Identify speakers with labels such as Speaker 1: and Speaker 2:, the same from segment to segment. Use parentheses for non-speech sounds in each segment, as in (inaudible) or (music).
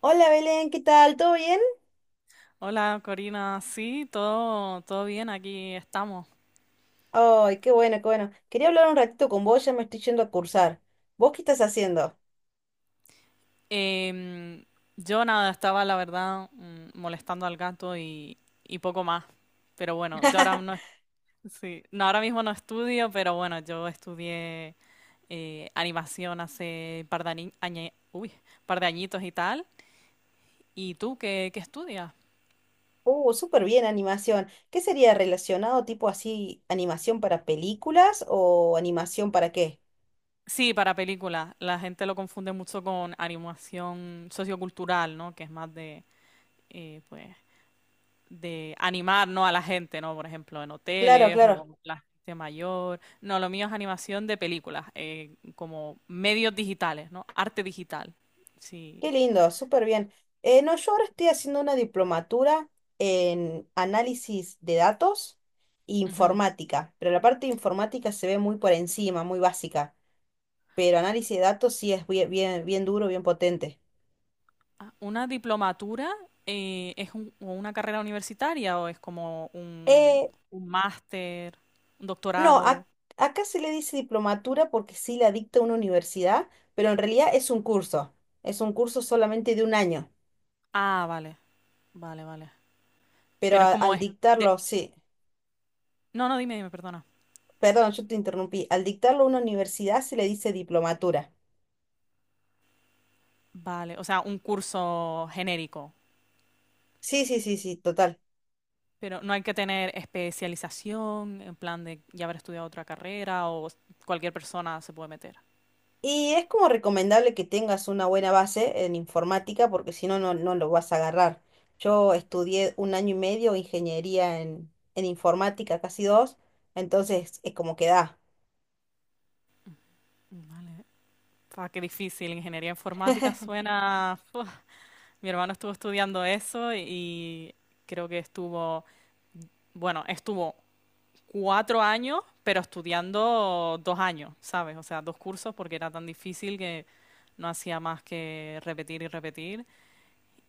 Speaker 1: Hola Belén, ¿qué tal? ¿Todo bien?
Speaker 2: Hola Corina, sí, todo bien, aquí estamos.
Speaker 1: Ay, qué bueno, qué bueno. Quería hablar un ratito con vos, ya me estoy yendo a cursar. ¿Vos qué estás haciendo?
Speaker 2: Em, yo nada, estaba la verdad molestando al gato y poco más. Pero bueno, yo ahora no, sí, no, ahora mismo no estudio, pero bueno, yo estudié animación hace par de, ani- añe- uy, par de añitos y tal. ¿Y tú qué estudias?
Speaker 1: Súper bien, animación. ¿Qué sería relacionado tipo así, animación para películas o animación para qué?
Speaker 2: Sí, para películas. La gente lo confunde mucho con animación sociocultural, ¿no? Que es más de, eh, pues, de animar, ¿no? A la gente, ¿no? Por ejemplo, en
Speaker 1: Claro,
Speaker 2: hoteles
Speaker 1: claro.
Speaker 2: o la gente mayor. No, lo mío es animación de películas, como medios digitales, ¿no? Arte digital. Sí.
Speaker 1: Qué lindo, súper bien. No, yo ahora estoy haciendo una diplomatura en análisis de datos e
Speaker 2: Ujú.
Speaker 1: informática, pero la parte de informática se ve muy por encima, muy básica, pero análisis de datos sí es bien, bien, bien duro, bien potente.
Speaker 2: Ah, ¿una diplomatura es o una carrera universitaria o es como
Speaker 1: Eh,
Speaker 2: un máster, un
Speaker 1: no,
Speaker 2: doctorado?
Speaker 1: acá se le dice diplomatura porque sí la dicta una universidad, pero en realidad es un curso. Es un curso solamente de un año.
Speaker 2: Ah, vale, vale.
Speaker 1: Pero
Speaker 2: Pero es como
Speaker 1: al
Speaker 2: de-
Speaker 1: dictarlo, sí.
Speaker 2: no, no, dime, perdona.
Speaker 1: Perdón, yo te interrumpí. Al dictarlo una universidad se le dice diplomatura.
Speaker 2: Vale, o sea, un curso genérico.
Speaker 1: Sí, sí, sí, sí, total.
Speaker 2: Pero no hay que tener especialización en plan de ya haber estudiado otra carrera o cualquier persona se puede meter.
Speaker 1: Y es como recomendable que tengas una buena base en informática porque si no, no lo vas a agarrar. Yo estudié un año y medio ingeniería en informática, casi dos, entonces es como que da.
Speaker 2: Vale. Fa, qué difícil. Ingeniería informática suena. Mi hermano estuvo estudiando eso y creo que estuvo, bueno, estuvo cuatro años, pero estudiando dos años, ¿sabes? O sea, dos cursos porque era tan difícil que no hacía más que repetir y repetir.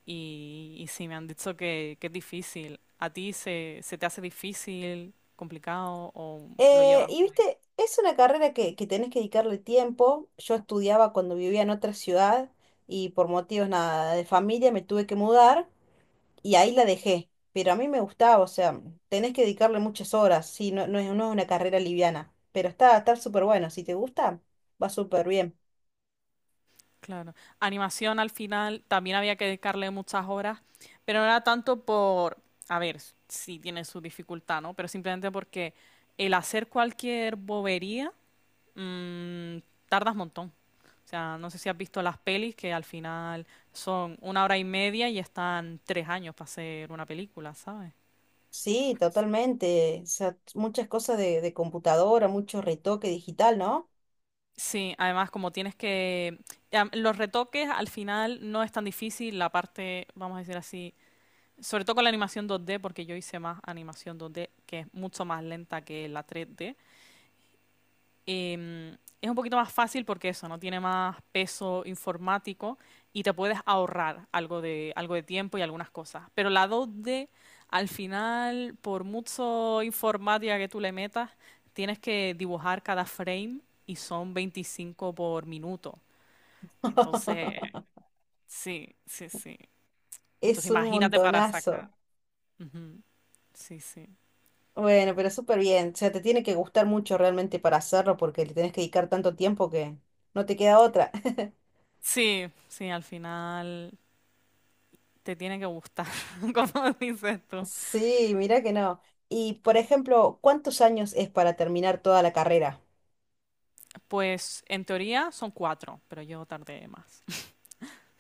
Speaker 2: Y sí, me han dicho que es difícil. ¿A ti se te hace difícil, complicado o lo llevas
Speaker 1: Y
Speaker 2: guay?
Speaker 1: viste, es una carrera que tenés que dedicarle tiempo. Yo estudiaba cuando vivía en otra ciudad y por motivos nada de familia me tuve que mudar y ahí la dejé. Pero a mí me gustaba, o sea, tenés que dedicarle muchas horas, sí, no, no es una carrera liviana, pero está, está súper bueno. Si te gusta, va súper bien.
Speaker 2: Claro. Animación al final también había que dedicarle muchas horas, pero no era tanto por, a ver, si tiene su dificultad, ¿no? Pero simplemente porque el hacer cualquier bobería mm, tardas un montón. O sea, no sé si has visto las pelis que al final son una hora y media y están tres años para hacer una película, ¿sabes?
Speaker 1: Sí, totalmente. O sea, muchas cosas de computadora, mucho retoque digital, ¿no?
Speaker 2: Sí, además como tienes que... Los retoques al final no es tan difícil, la parte, vamos a decir así, sobre todo con la animación 2D, porque yo hice más animación 2D, que es mucho más lenta que la 3D. Em, es un poquito más fácil porque eso, no tiene más peso informático y te puedes ahorrar algo de tiempo y algunas cosas. Pero la 2D, al final, por mucho informática que tú le metas, tienes que dibujar cada frame y son 25 por minuto. Entonces,
Speaker 1: (laughs)
Speaker 2: sí, sí. Entonces,
Speaker 1: Es un
Speaker 2: imagínate para
Speaker 1: montonazo.
Speaker 2: sacar. Ujú. Sí, sí.
Speaker 1: Bueno, pero súper bien. O sea, te tiene que gustar mucho realmente para hacerlo porque le tenés que dedicar tanto tiempo que no te queda otra. (laughs)
Speaker 2: Sí, sí, al final te tiene que gustar, (laughs) como dices tú.
Speaker 1: Sí, mira que no. Y por ejemplo, ¿cuántos años es para terminar toda la carrera?
Speaker 2: Pues en teoría son cuatro, pero yo tardé más.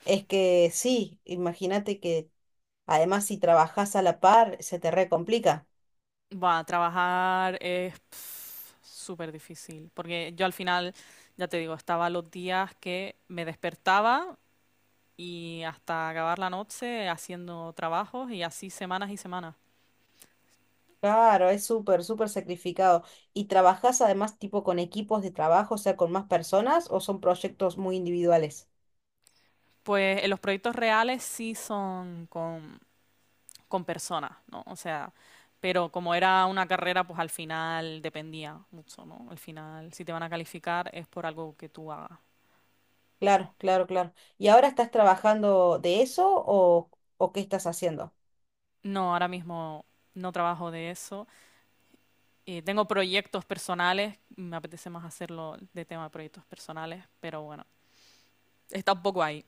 Speaker 1: Es que sí, imagínate que además si trabajás a la par se te re complica.
Speaker 2: Va, trabajar es pf, súper difícil, porque yo al final, ya te digo, estaba los días que me despertaba y hasta acabar la noche haciendo trabajos y así semanas y semanas.
Speaker 1: Claro, es súper, súper sacrificado. ¿Y trabajás además tipo con equipos de trabajo, o sea, con más personas o son proyectos muy individuales?
Speaker 2: Pues en los proyectos reales sí son con personas, ¿no? O sea, pero como era una carrera, pues al final dependía mucho, ¿no? Al final, si te van a calificar es por algo que tú hagas.
Speaker 1: Claro, claro, claro. ¿Y ahora estás trabajando de eso o qué estás haciendo?
Speaker 2: No, ahora mismo no trabajo de eso. Tengo proyectos personales, me apetece más hacerlo de tema de proyectos personales, pero bueno, está un poco ahí.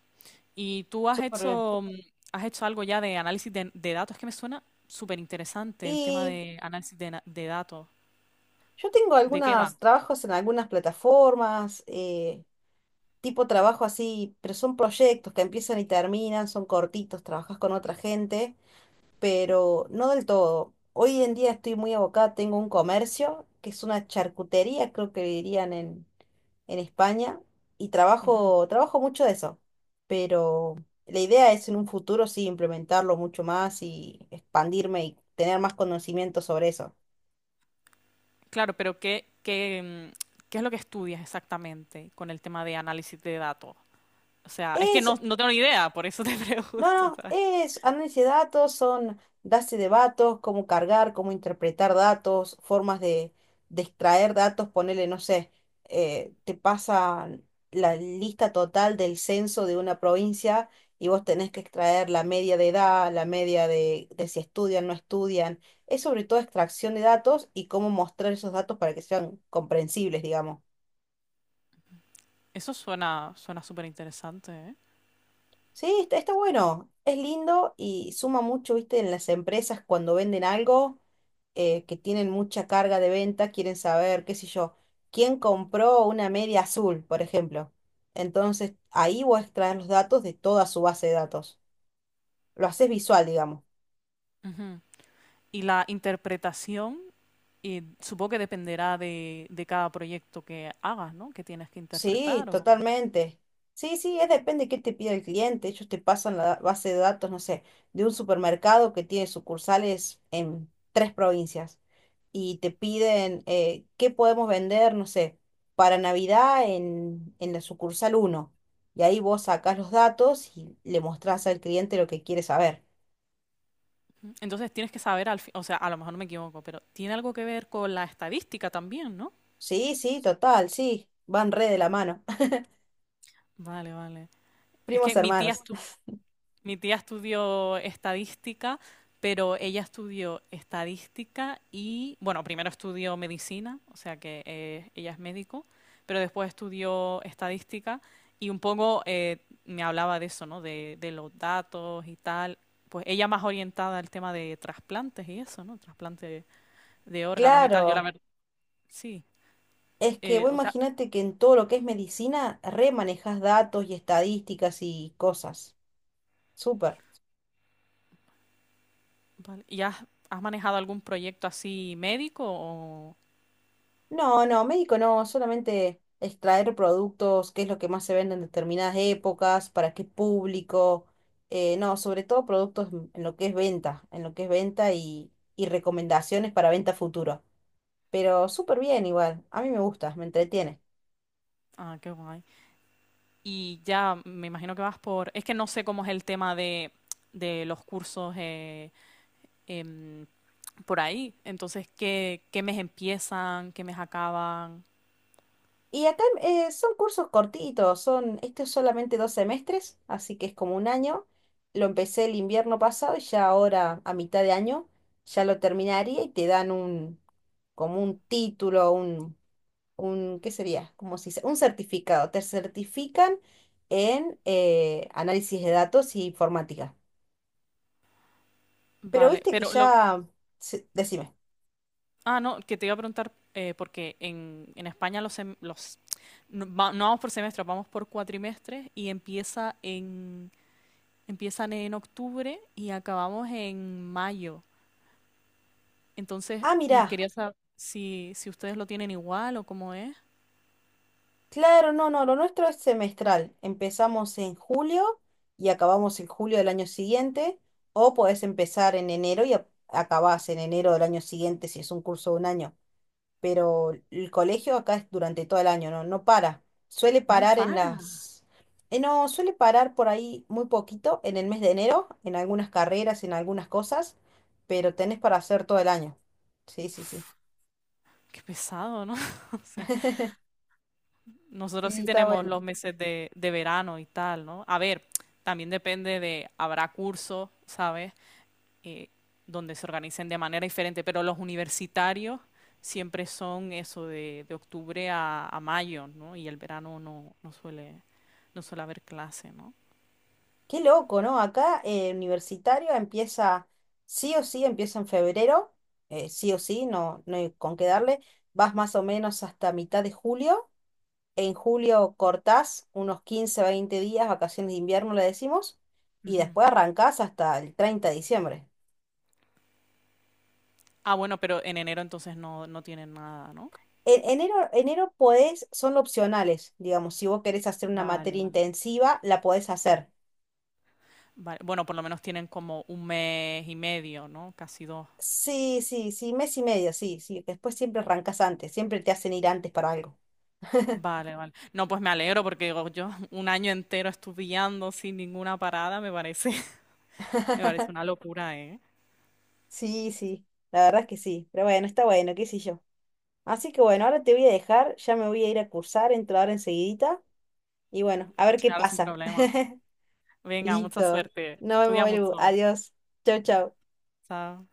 Speaker 2: ¿Y tú has
Speaker 1: Súper bien.
Speaker 2: has hecho algo ya de análisis de datos? Es que me suena súper interesante el tema
Speaker 1: Y
Speaker 2: de análisis de datos.
Speaker 1: yo tengo
Speaker 2: ¿De qué va?
Speaker 1: algunos trabajos en algunas plataformas, tipo trabajo así, pero son proyectos que empiezan y terminan, son cortitos, trabajas con otra gente, pero no del todo. Hoy en día estoy muy abocada, tengo un comercio, que es una charcutería, creo que dirían en España y
Speaker 2: Ujú.
Speaker 1: trabajo mucho de eso. Pero la idea es en un futuro sí implementarlo mucho más y expandirme y tener más conocimiento sobre eso.
Speaker 2: Claro, pero qué es lo que estudias exactamente con el tema de análisis de datos? O sea, es que
Speaker 1: Es,
Speaker 2: no, no tengo ni idea, por eso te (laughs)
Speaker 1: No,
Speaker 2: pregunto,
Speaker 1: no,
Speaker 2: ¿sabes?
Speaker 1: es análisis de datos, son bases de datos, cómo cargar, cómo interpretar datos, formas de extraer datos, ponerle, no sé, te pasa la lista total del censo de una provincia y vos tenés que extraer la media de edad, la media de si estudian, no estudian. Es sobre todo extracción de datos y cómo mostrar esos datos para que sean comprensibles, digamos.
Speaker 2: Eso suena súper interesante, ¿eh?
Speaker 1: Sí, está, está bueno, es lindo y suma mucho, viste, en las empresas cuando venden algo que tienen mucha carga de venta quieren saber, qué sé yo, quién compró una media azul, por ejemplo. Entonces, ahí vos extraes los datos de toda su base de datos. Lo haces visual, digamos.
Speaker 2: Ujú. Y la interpretación, y supongo que dependerá de cada proyecto que hagas, ¿no? Que tienes que
Speaker 1: Sí,
Speaker 2: interpretar. O... Ujú.
Speaker 1: totalmente. Sí, sí, es depende de qué te pida el cliente. Ellos te pasan la base de datos, no sé, de un supermercado que tiene sucursales en tres provincias y te piden qué podemos vender, no sé, para Navidad en la sucursal uno. Y ahí vos sacás los datos y le mostrás al cliente lo que quiere saber.
Speaker 2: Entonces tienes que saber al fin, o sea, a lo mejor no me equivoco, pero tiene algo que ver con la estadística también, ¿no?
Speaker 1: Sí, sí, total, sí, van re de la mano.
Speaker 2: Vale, vale.
Speaker 1: (laughs)
Speaker 2: Es
Speaker 1: Primos
Speaker 2: que
Speaker 1: hermanos. (laughs)
Speaker 2: mi tía estudió estadística, pero ella estudió estadística y, bueno, primero estudió medicina, o sea que ella es médico, pero después estudió estadística y un poco me hablaba de eso, ¿no? De los datos y tal. Pues ella más orientada al tema de trasplantes y eso, ¿no? Trasplantes de órganos y tal. Yo la
Speaker 1: Claro.
Speaker 2: verdad, sí.
Speaker 1: Es que vos
Speaker 2: O sea,
Speaker 1: imagínate que en todo lo que es medicina, re manejas datos y estadísticas y cosas. Súper.
Speaker 2: vale. ¿Y has manejado algún proyecto así médico o...?
Speaker 1: No, no, médico no, solamente extraer productos, qué es lo que más se vende en determinadas épocas, para qué público. No, sobre todo productos en lo que es venta, en lo que es venta y recomendaciones para venta futuro. Pero súper bien igual, a mí me gusta, me entretiene.
Speaker 2: Ah, qué guay. Y ya me imagino que vas por... Es que no sé cómo es el tema de los cursos em, por ahí. Entonces, qué mes empiezan? ¿Qué mes acaban?
Speaker 1: Y acá son cursos cortitos, son, este es solamente 2 semestres, así que es como un año. Lo empecé el invierno pasado y ya ahora, a mitad de año, ya lo terminaría y te dan un, como un título, un, ¿qué sería? Como si, un certificado. Te certifican en análisis de datos y informática. Pero
Speaker 2: Vale,
Speaker 1: viste que
Speaker 2: pero lo...
Speaker 1: ya, decime,
Speaker 2: Ah, no, que te iba a preguntar, porque en España los, sem- los no, no vamos por semestres, vamos por cuatrimestres y empiezan en octubre y acabamos en mayo. Entonces,
Speaker 1: ah, mirá.
Speaker 2: quería saber si, si ustedes lo tienen igual o cómo es.
Speaker 1: Claro, no, no, lo nuestro es semestral. Empezamos en julio y acabamos en julio del año siguiente, o podés empezar en enero y acabás en enero del año siguiente si es un curso de un año. Pero el colegio acá es durante todo el año, no, no para. Suele
Speaker 2: No
Speaker 1: parar en
Speaker 2: para.
Speaker 1: las... No, suele parar por ahí muy poquito en el mes de enero, en algunas carreras, en algunas cosas, pero tenés para hacer todo el año. Sí, sí, sí.
Speaker 2: Qué pesado, ¿no? (laughs) O sea, nosotros sí
Speaker 1: Sí. Está
Speaker 2: tenemos
Speaker 1: bueno.
Speaker 2: los meses de verano y tal, ¿no? A ver, también depende de, habrá cursos, ¿sabes? Eh, Donde se organicen de manera diferente, pero los universitarios siempre son eso de octubre a mayo, ¿no? Y el verano no, no suele haber clase, ¿no?
Speaker 1: Qué loco, ¿no? Acá universitario empieza, sí o sí, empieza en febrero, sí o sí, no, no hay con qué darle. Vas más o menos hasta mitad de julio. En julio cortás unos 15 20 días, vacaciones de invierno le decimos, y
Speaker 2: Ujú.
Speaker 1: después arrancás hasta el 30 de diciembre.
Speaker 2: Ah, bueno, pero en enero entonces no, no tienen nada, ¿no?
Speaker 1: En enero podés, son opcionales, digamos, si vos querés hacer una
Speaker 2: Vale,
Speaker 1: materia
Speaker 2: vale.
Speaker 1: intensiva, la podés hacer.
Speaker 2: Vale, bueno, por lo menos tienen como un mes y medio, ¿no? Casi dos.
Speaker 1: Sí, sí, sí, mes y medio, sí, sí. Después siempre arrancás antes, siempre te hacen ir antes para algo.
Speaker 2: Vale, vale. No, pues me alegro porque digo, yo un año entero estudiando sin ninguna parada, me parece, (laughs) me parece
Speaker 1: (laughs)
Speaker 2: una locura, ¿eh?
Speaker 1: Sí, sí, la verdad es que sí, pero bueno, está bueno, qué sé yo. Así que bueno, ahora te voy a dejar, ya me voy a ir a cursar, entro ahora enseguidita y bueno, a ver qué
Speaker 2: Claro, sin
Speaker 1: pasa.
Speaker 2: problemas.
Speaker 1: (laughs)
Speaker 2: Venga, mucha
Speaker 1: Listo,
Speaker 2: suerte.
Speaker 1: nos vemos,
Speaker 2: Estudia
Speaker 1: Belu,
Speaker 2: mucho.
Speaker 1: adiós, chau, chau.
Speaker 2: Chao.